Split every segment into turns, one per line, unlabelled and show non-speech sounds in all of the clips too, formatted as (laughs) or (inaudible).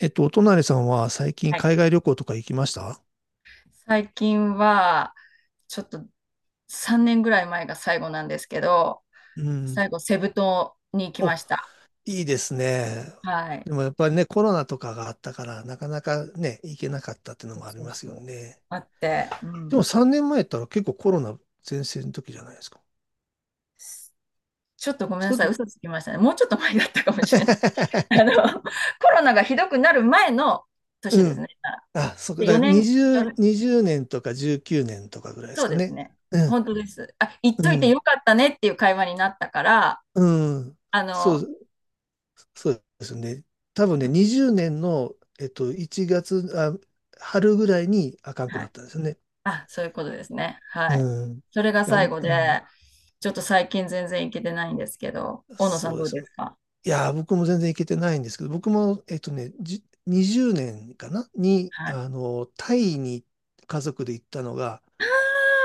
お隣さんは最近
はい。
海外旅行とか行きました？
最近は、ちょっと3年ぐらい前が最後なんですけど、
うん。
最後、セブ島に行き
お、
ました。
いいですね。
はい。
でもやっぱりね、コロナとかがあったから、なかなかね、行けなかったっていうのもあり
そう
ます
そ
よ
う
ね。
あって、う
でも
ん。
3年前やったら結構コロナ前線の時じゃないですか。
ちょっとごめんな
そう
さ
で
い、
も、
嘘つきましたね。もうちょっと前だったかもしれない。(laughs) あ
(laughs)
の、コロナがひどくなる前の年
う
です
ん。
ね。
あ、そうだ
で
か
4
ら
年、4
20、年とか19年とかぐらいで
そ
す
う
か
です
ね。
ね。
うん、
本当です。あ、行っとい
う
て
ん、
よかったねっていう会話になったから、
うん。
あ
そ
の、
う、そうですね。多分ね、20年の、1月、あ、春ぐらいにあかんく
は
なっ
い。
たんですよね。
あ、そういうことですね。はい。
うん。い
それが
や、
最後
うん。
で、ちょっと最近全然行けてないんですけど、大野さ
そ
ん
う
ど
で
う
す
で
ね。
すか？
いやー、僕も全然行けてないんですけど、僕も、20年かなに、
はい。
タイに家族で行ったのが、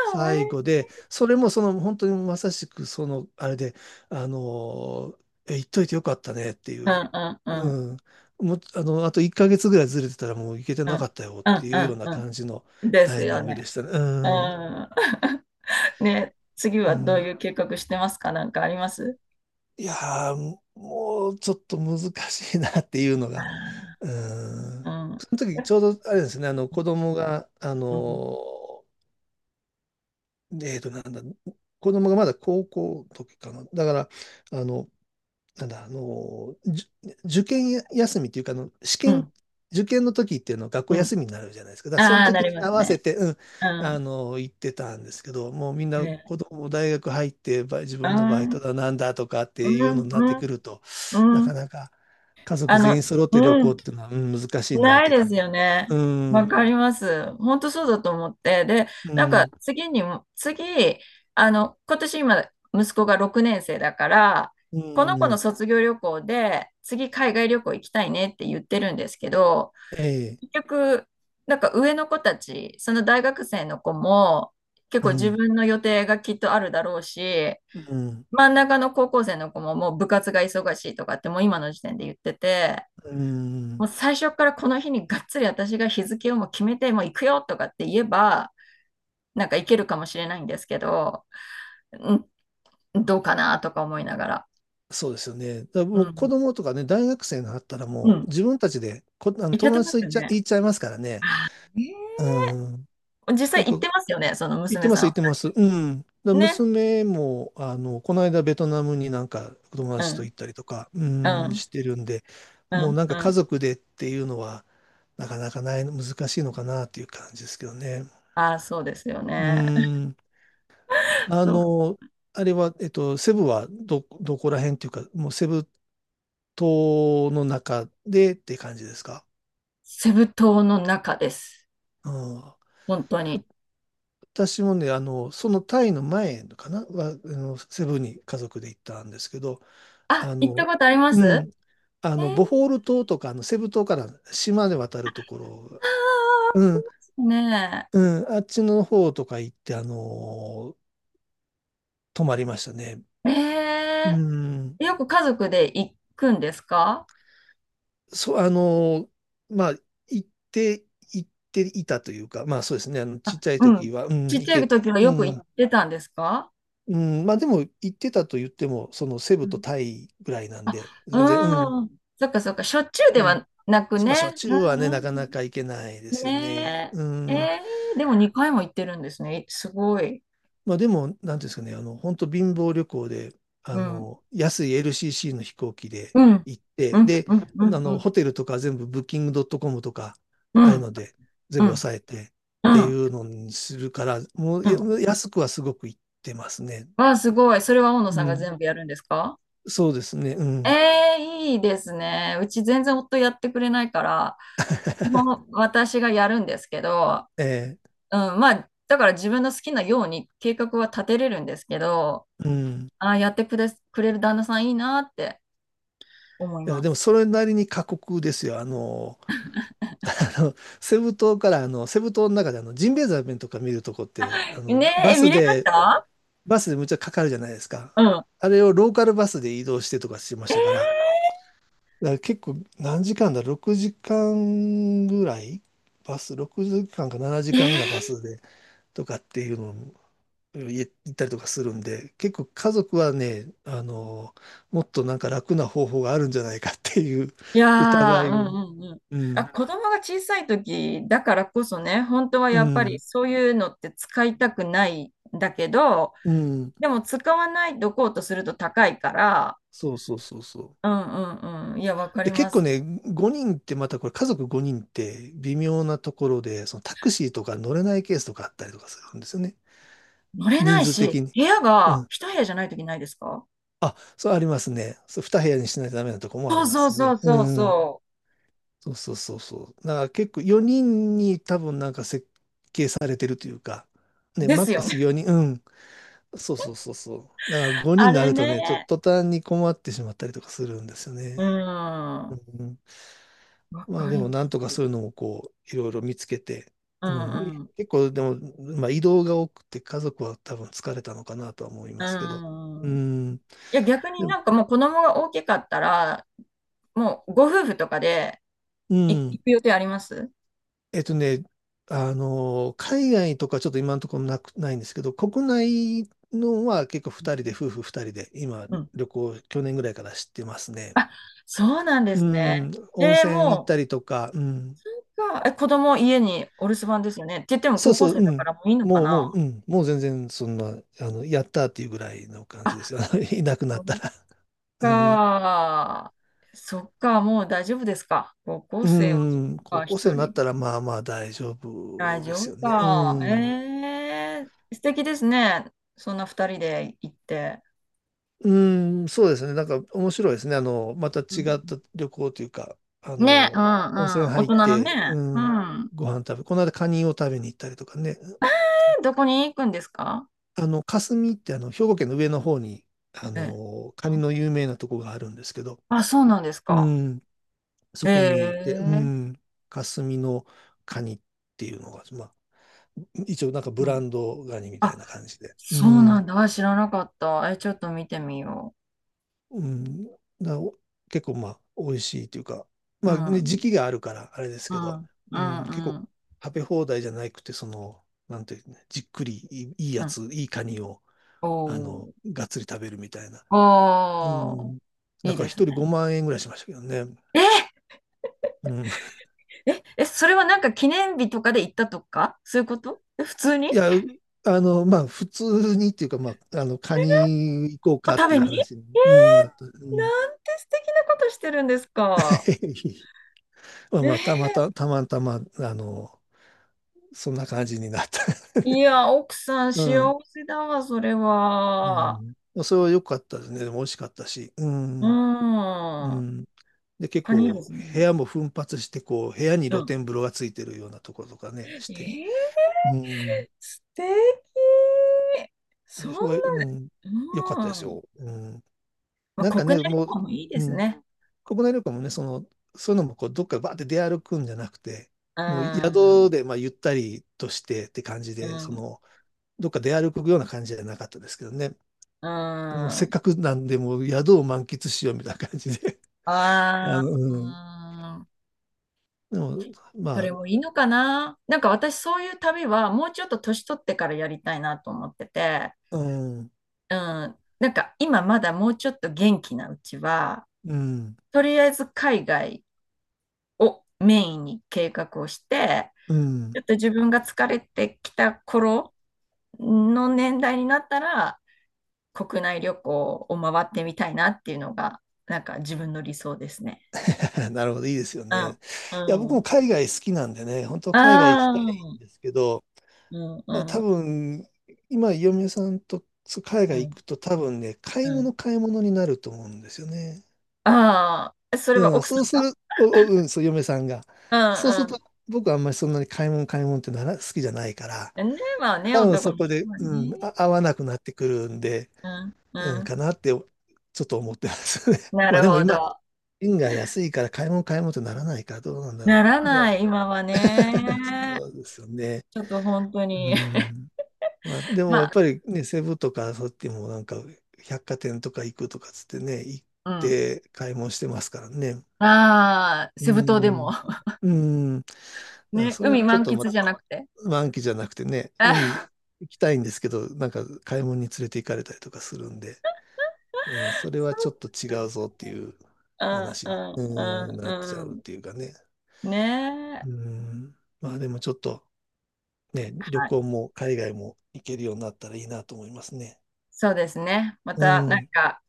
最後で、それもその本当にまさしくそのあれで、あの言っといてよかったねっていう、
ああ、うんうんうん
うん、もう、あと1ヶ月ぐらいずれてたらもう行けて
う
なか
ん
ったよっ
う
て
ん
い
う
うような
ん
感じの
うん。です
タイミ
よ
ングで
ね。
したね。う
う
ん、
ん。(laughs) ね、次
う
はどうい
ん。
う計画してますか？なんかあります？
いやー、もうちょっと難しいなっていうのが、
あ
うん。
あー
その時ちょうどあれですね、あの子供が、
うん。
えーと、なんだ、子供がまだ高校の時かな。だから、あの、なんだ、あの、じゅ受験休みっていうか、
うん。
受験の時っていうのは学
う
校休
ん。
みになるじゃないですか。だからその
ああー、
時
なり
に
ま
合
す
わせ
ね。
て、うん、
うん。
行ってたんですけど、もうみんな
ね、
子供も大学入って、自
う
分のバイト
ん。
だなんだとかっ
う
て
ん。
いうのになっ
う
て
ん。
くると、な
う
か
ん。
なか家
あ
族全
の、
員揃って旅
う
行っ
ん。
ていうのは、うん、難しいなっ
ない
て
で
感
す
じ。
よね。
う
わ
ん、
かります。本当そうだと思って。で、
う
なんか
ん、
次にも、次、今年今、息子が6年生だから、
う
この子の
ん、
卒業旅行で、次海外旅行行きたいねって言ってるんですけど、
ええ、
結局、なんか上の子たち、その大学生の子も、結
う
構自
ん、
分の予定がきっとあるだろうし、
うん、
真ん中の高校生の子ももう部活が忙しいとかってもう今の時点で言ってて、
う
も
ん。
う最初からこの日にがっつり私が日付をもう決めて、もう行くよとかって言えば、なんか行けるかもしれないんですけど、ん、どうかなとか思いながら。
そうですよね。だから
う
もう子
ん。
供とかね、大学生になったら
う
もう
ん。
自分たちであの
行け
友
てま
達
す
と
よね。
言っちゃいますからね。
あーね
うん。
ー実
な
際
ん
行っ
か、
てますよね、その
言って
娘
ま
さ
す、
ん
言
お
ってます。
二
うん。だから
人。ね。
娘も、この間ベトナムになんか友
う
達と
ん。
行ったりとか、う
う
ん、
ん。
してるんで、
う
もう
ん。
なん
う
か家
ん。
族でっていうのは、なかなかない、難しいのかなっていう感じですけどね。
ああ、そうですよ
う
ね。
ん。
(laughs)
あ
そう。
の、あれは、セブはどこら辺っていうか、もうセブ島の中でって感じですか？
セブ島の中です。
うん。
本当に。
私もね、そのタイの前かなは、セブンに家族で行ったんですけど、
あ、
あ
行った
の、
ことありま
う
す？
ん。
えー、
ボホール島とか、セブ島から島で渡るところ、
あ
うん、
ーね
うん、あっちの方とか行って、泊まりましたね。
え。
う
え
ん。
え、よく家族で行くんですか？
そう、まあ、行って、行っていたというか、まあそうですね、ちっ
あ、
ちゃい
うん。
時は、うん、
ちっ
行
ちゃい
け、
時は
う
よく行
ん、
ってたんですか？
うん、まあでも言ってたと言っても、そのセ
う
ブと
ん。
タイぐらいなん
あ、
で、全然、うん、
うん。そっかそっか。しょっちゅうで
うん。
はなく
まあしょっ
ね。
ちゅうはね、
う
なか
ん
なか行けないで
うん。
すよね。
ね
う
え。え
ん。
え、でも2回も行ってるんですね。すごい。
まあでも、なんていうんですかね、本当貧乏旅行で、
うん。
安い LCC の飛行機で
うん。
行って、
うん、
で、
うん、うん、うん。
ホテルとか全部ブッキングドットコムとか、
う
ああいう
ん、
ので全
う
部
ん、
抑えてっ
う
てい
ん、
うのにするから、もう
う
や
ん。
安くはすごく行ってますね。
わあ、すごい。それは大野さん
う
が
ん。
全部やるんですか？
そうですね、う
え
ん。
え、いいですね。うち全然夫やってくれないから、基本私がやるんですけど、
え
うん、まあ、だから自分の好きなように計画は立てれるんですけど、
え、うん。
ああ、やってくれ、くれる旦那さんいいなって思い
いや、
ま
でも
す。
それなりに過酷ですよ。(laughs) あのセブ島から、セブ島の中であのジンベエザメとか見るとこって、
ねえ、え、見れました？
バスでむっちゃかかるじゃないですか。
うん。
あれをローカルバスで移動してとかしましたから、だから結構何時間だ、6時間ぐらいバス、6時間か7
え
時
ー
間ぐらいバスでとかっていうのを行ったりとかするんで、結構家族はね、もっとなんか楽な方法があるんじゃないかっていう
いや
疑
ー、う
いを。
んうんうん。
う
あ、
ん
子供が小さい時だからこそね、本当は
う
やっぱり
ん、
そういうのって使いたくないんだけど、
うん、
でも使わないとこうとすると高いから、
そうそうそうそう。
うんうんうん。いや、わかり
で、
ま
結構
す。
ね、5人ってまたこれ家族5人って微妙なところで、そのタクシーとか乗れないケースとかあったりとかするんですよね。
乗れな
人
い
数的
し、
に。
部屋
う
が
ん。
一部屋じゃない時ないですか？
あ、そうありますね。そう、2部屋にしないとダメなとこもあ
そ
り
う
ま
そう
す
そ
ね。
う
う
そう
んうん。
そ
そうそうそうそう。だから結構4人に多分なんか設計されてるというか、
う。
ね、
で
マッ
す
ク
よ
ス
ね。
4人、うん。そうそうそうそう。だから
(laughs)
5人
あ
にな
れ
るとね、ちょっ
ね。
と途端に困ってしまったりとかするんですよ
う
ね。
ん。
う
わ
ん。まあ
か
で
り
も
ま
なんと
す。
かそういうのをこういろいろ見つけて、
う
うん、
ん
結構でも、まあ、移動が多くて家族は多分疲れたのかなとは思い
う
ますけど、
ん。
う
うん。い
ん、
や、逆に
でも、
なんかもう子供が大きかったら、もうご夫婦とかで
う
行
ん、
く予定あります？
えっとね、海外とかちょっと今のところないんですけど、国内のは結構
う
2
ん
人で、夫婦2人で今
うん。
旅行去年ぐらいから知ってますね。
あ、そうなんで
う
すね。
ん、温泉行っ
も
た
う、
りとか、うん、
子供家にお留守番ですよね。って言っても
そう
高校
そう、
生
う
だか
ん。
らもういいのか
もう、
な
うん。もう全然、そんな、やったっていうぐらいの感じで
あ、
すよ。(laughs) いなくな
そ
った
っ
ら。うん。
か。そっか、もう大丈夫ですか？高校
う
生は、そっ
ん。高
か、
校生
一
になっ
人。
たら、まあまあ大丈
大
夫で
丈
す
夫
よね。う
か。
ん。
ええ、素敵ですね。そんな二人で行って。
うん、そうですね。なんか面白いですね。また違
うん。
った旅行というか、
ね、うん
温泉
うん。大
入っ
人の
て、
ね。
う
う
ん、
ん。
ご飯食べ、この間カニを食べに行ったりとかね。
え、どこに行くんですか？
霞って兵庫県の上の方に、
ええ、
カニ
あ、
の有名なとこがあるんですけど、
あ、そうなんです
う
か？
ん、そこにいて、う
ええ、
ん、霞のカニっていうのが、まあ、一応なんかブ
う
ラ
ん。
ンドガニみたい
あ、
な感じで、う
そうなん
ん、
だ。あ、知らなかった。え、ちょっと見てみよ
うん、だお結構まあ、美味しいというか、
う。う
まあね、時
ん。
期があるからあれです
う
けど、
ん。う
うん、結
ん。う
構
ん。
食べ放題じゃなくて、その、なんていうね、じっくりいい
う
や
ん。
つ、いいカニを、
おー。
がっつり食べるみたいな。う
おー。
ん、
い
だ
い
から
です
一人
ね。
5万円ぐらいしましたけどね。
え
うん。
え、え、それはなんか記念日とかで行ったとかそういうこと？え、普通に？
いや、まあ、普通にっていうか、まあ、カニ行こう
お
かっ
食
て
べ
いう
に。 (laughs)
話に、うん、なった。うん。
なんて素敵なことしてるんですか？
(laughs) まあ、
え
たまたま、そんな感じになった。
いや、奥さん
(laughs) う
幸
ん。
せだわ、それ
いや、う
は。
ん、それは良かったですね。でも美味しかったし。う
う
ん。う
ん。
ん。で、結
カニいいで
構、
すね。
部屋も奮発して、こう、部屋に
う
露
ん。
天風呂がついてるようなところとかね、
え
して。
ー、
うん。
素敵。そん
で、それは、うん。良かったで
な、
す
うん。
よ。うん。
まあ、
なんか
国
ね、
内旅
も
行
う、
もいいで
う
す
ん。
ね。
国内旅行もね、その、そういうのもこうどっかバーって出歩くんじゃなくて、
う
もう
ん。
宿でまあゆったりとしてって感じ
う
で、そ
ん。
の、どっか出歩くような感じじゃなかったですけどね。
うん。
もうせ
あ
っかくなんで、もう宿を満喫しようみたいな感じで。(laughs)
あ。う
うん。
ん。
でも、
そ
まあ、
れもいいのかな。なんか私そういう旅はもうちょっと年取ってからやりたいなと思ってて、
うん、
うん、なんか今まだもうちょっと元気なうちは、
うん、
とりあえず海外をメインに計画をして、
う
ち
ん。
ょっと自分が疲れてきた頃の年代になったら、国内旅行を回ってみたいなっていうのが、なんか自分の理想ですね。
(laughs) なるほど、いいですよ
う
ね。
ん、
いや、僕
う
も
ん、
海外好きなんでね、本当海外行き
ああ、
たいんですけど、
うん、う
あ、多
ん、
分、今、嫁さんとそう海
う
外行
ん、
くと多分ね、買
う
い
ん。
物買い物になると思うんですよね。
ああ、それは
うん、
奥さ
そう
ん
す
が？
る、お、お、うん、そう、嫁さんが。
う
そうすると、
ん
僕はあんまりそんなに買い物買い物ってなら、好きじゃないから、
うん。ね、まあね、
多分
男
そ
の
こ
人
で、
は
うん、
ね。
あ、合わなくなってくるんで、
うんう
うん、
ん。
かなって、ちょっと思ってますね。(laughs)
な
まあ
る
でも
ほ
今、
ど。
円が安いから買い物買い物ってならないからどうなんだろ
な
う。
ら
だから
ない、今はね。
そうですよね。
ちょっと本当
う
に。
ん。まあ、で
(laughs)
も
ま
やっぱ
あ、
りね、セブとかそうやっちもなんか百貨店とか行くとかつってね、行っ
うん。
て買い物してますからね。
ああ、
う
セブ島でも。
ん。
(laughs)
うん。だから
ね、
それ
海
はちょっ
満
とま
喫
た
じゃなくて。
満期じゃなくてね、
(laughs)
海
あー
行きたいんですけど、なんか買い物に連れて行かれたりとかするんで、うん、それ
そ
はちょ
う。
っと違うぞっていう
うん
話
う
に、う
ん
ん、
うん
なっちゃうっ
う
ていうかね。
ん。ね
う
え。
ん。まあでもちょっとね、旅
はい。
行も海外も行けるようになったらいいなと思いますね。
そうですね。ま
う
た、なん
ん。
か、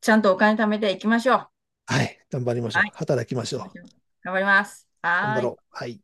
ちゃんとお金貯めていきましょう。
はい。頑張りまし
は
ょう。
い。
働き
そ
ま
う
し
しま
ょ
しょう。頑張ります。
う。頑
は
張
ー
ろ
い。
う。はい。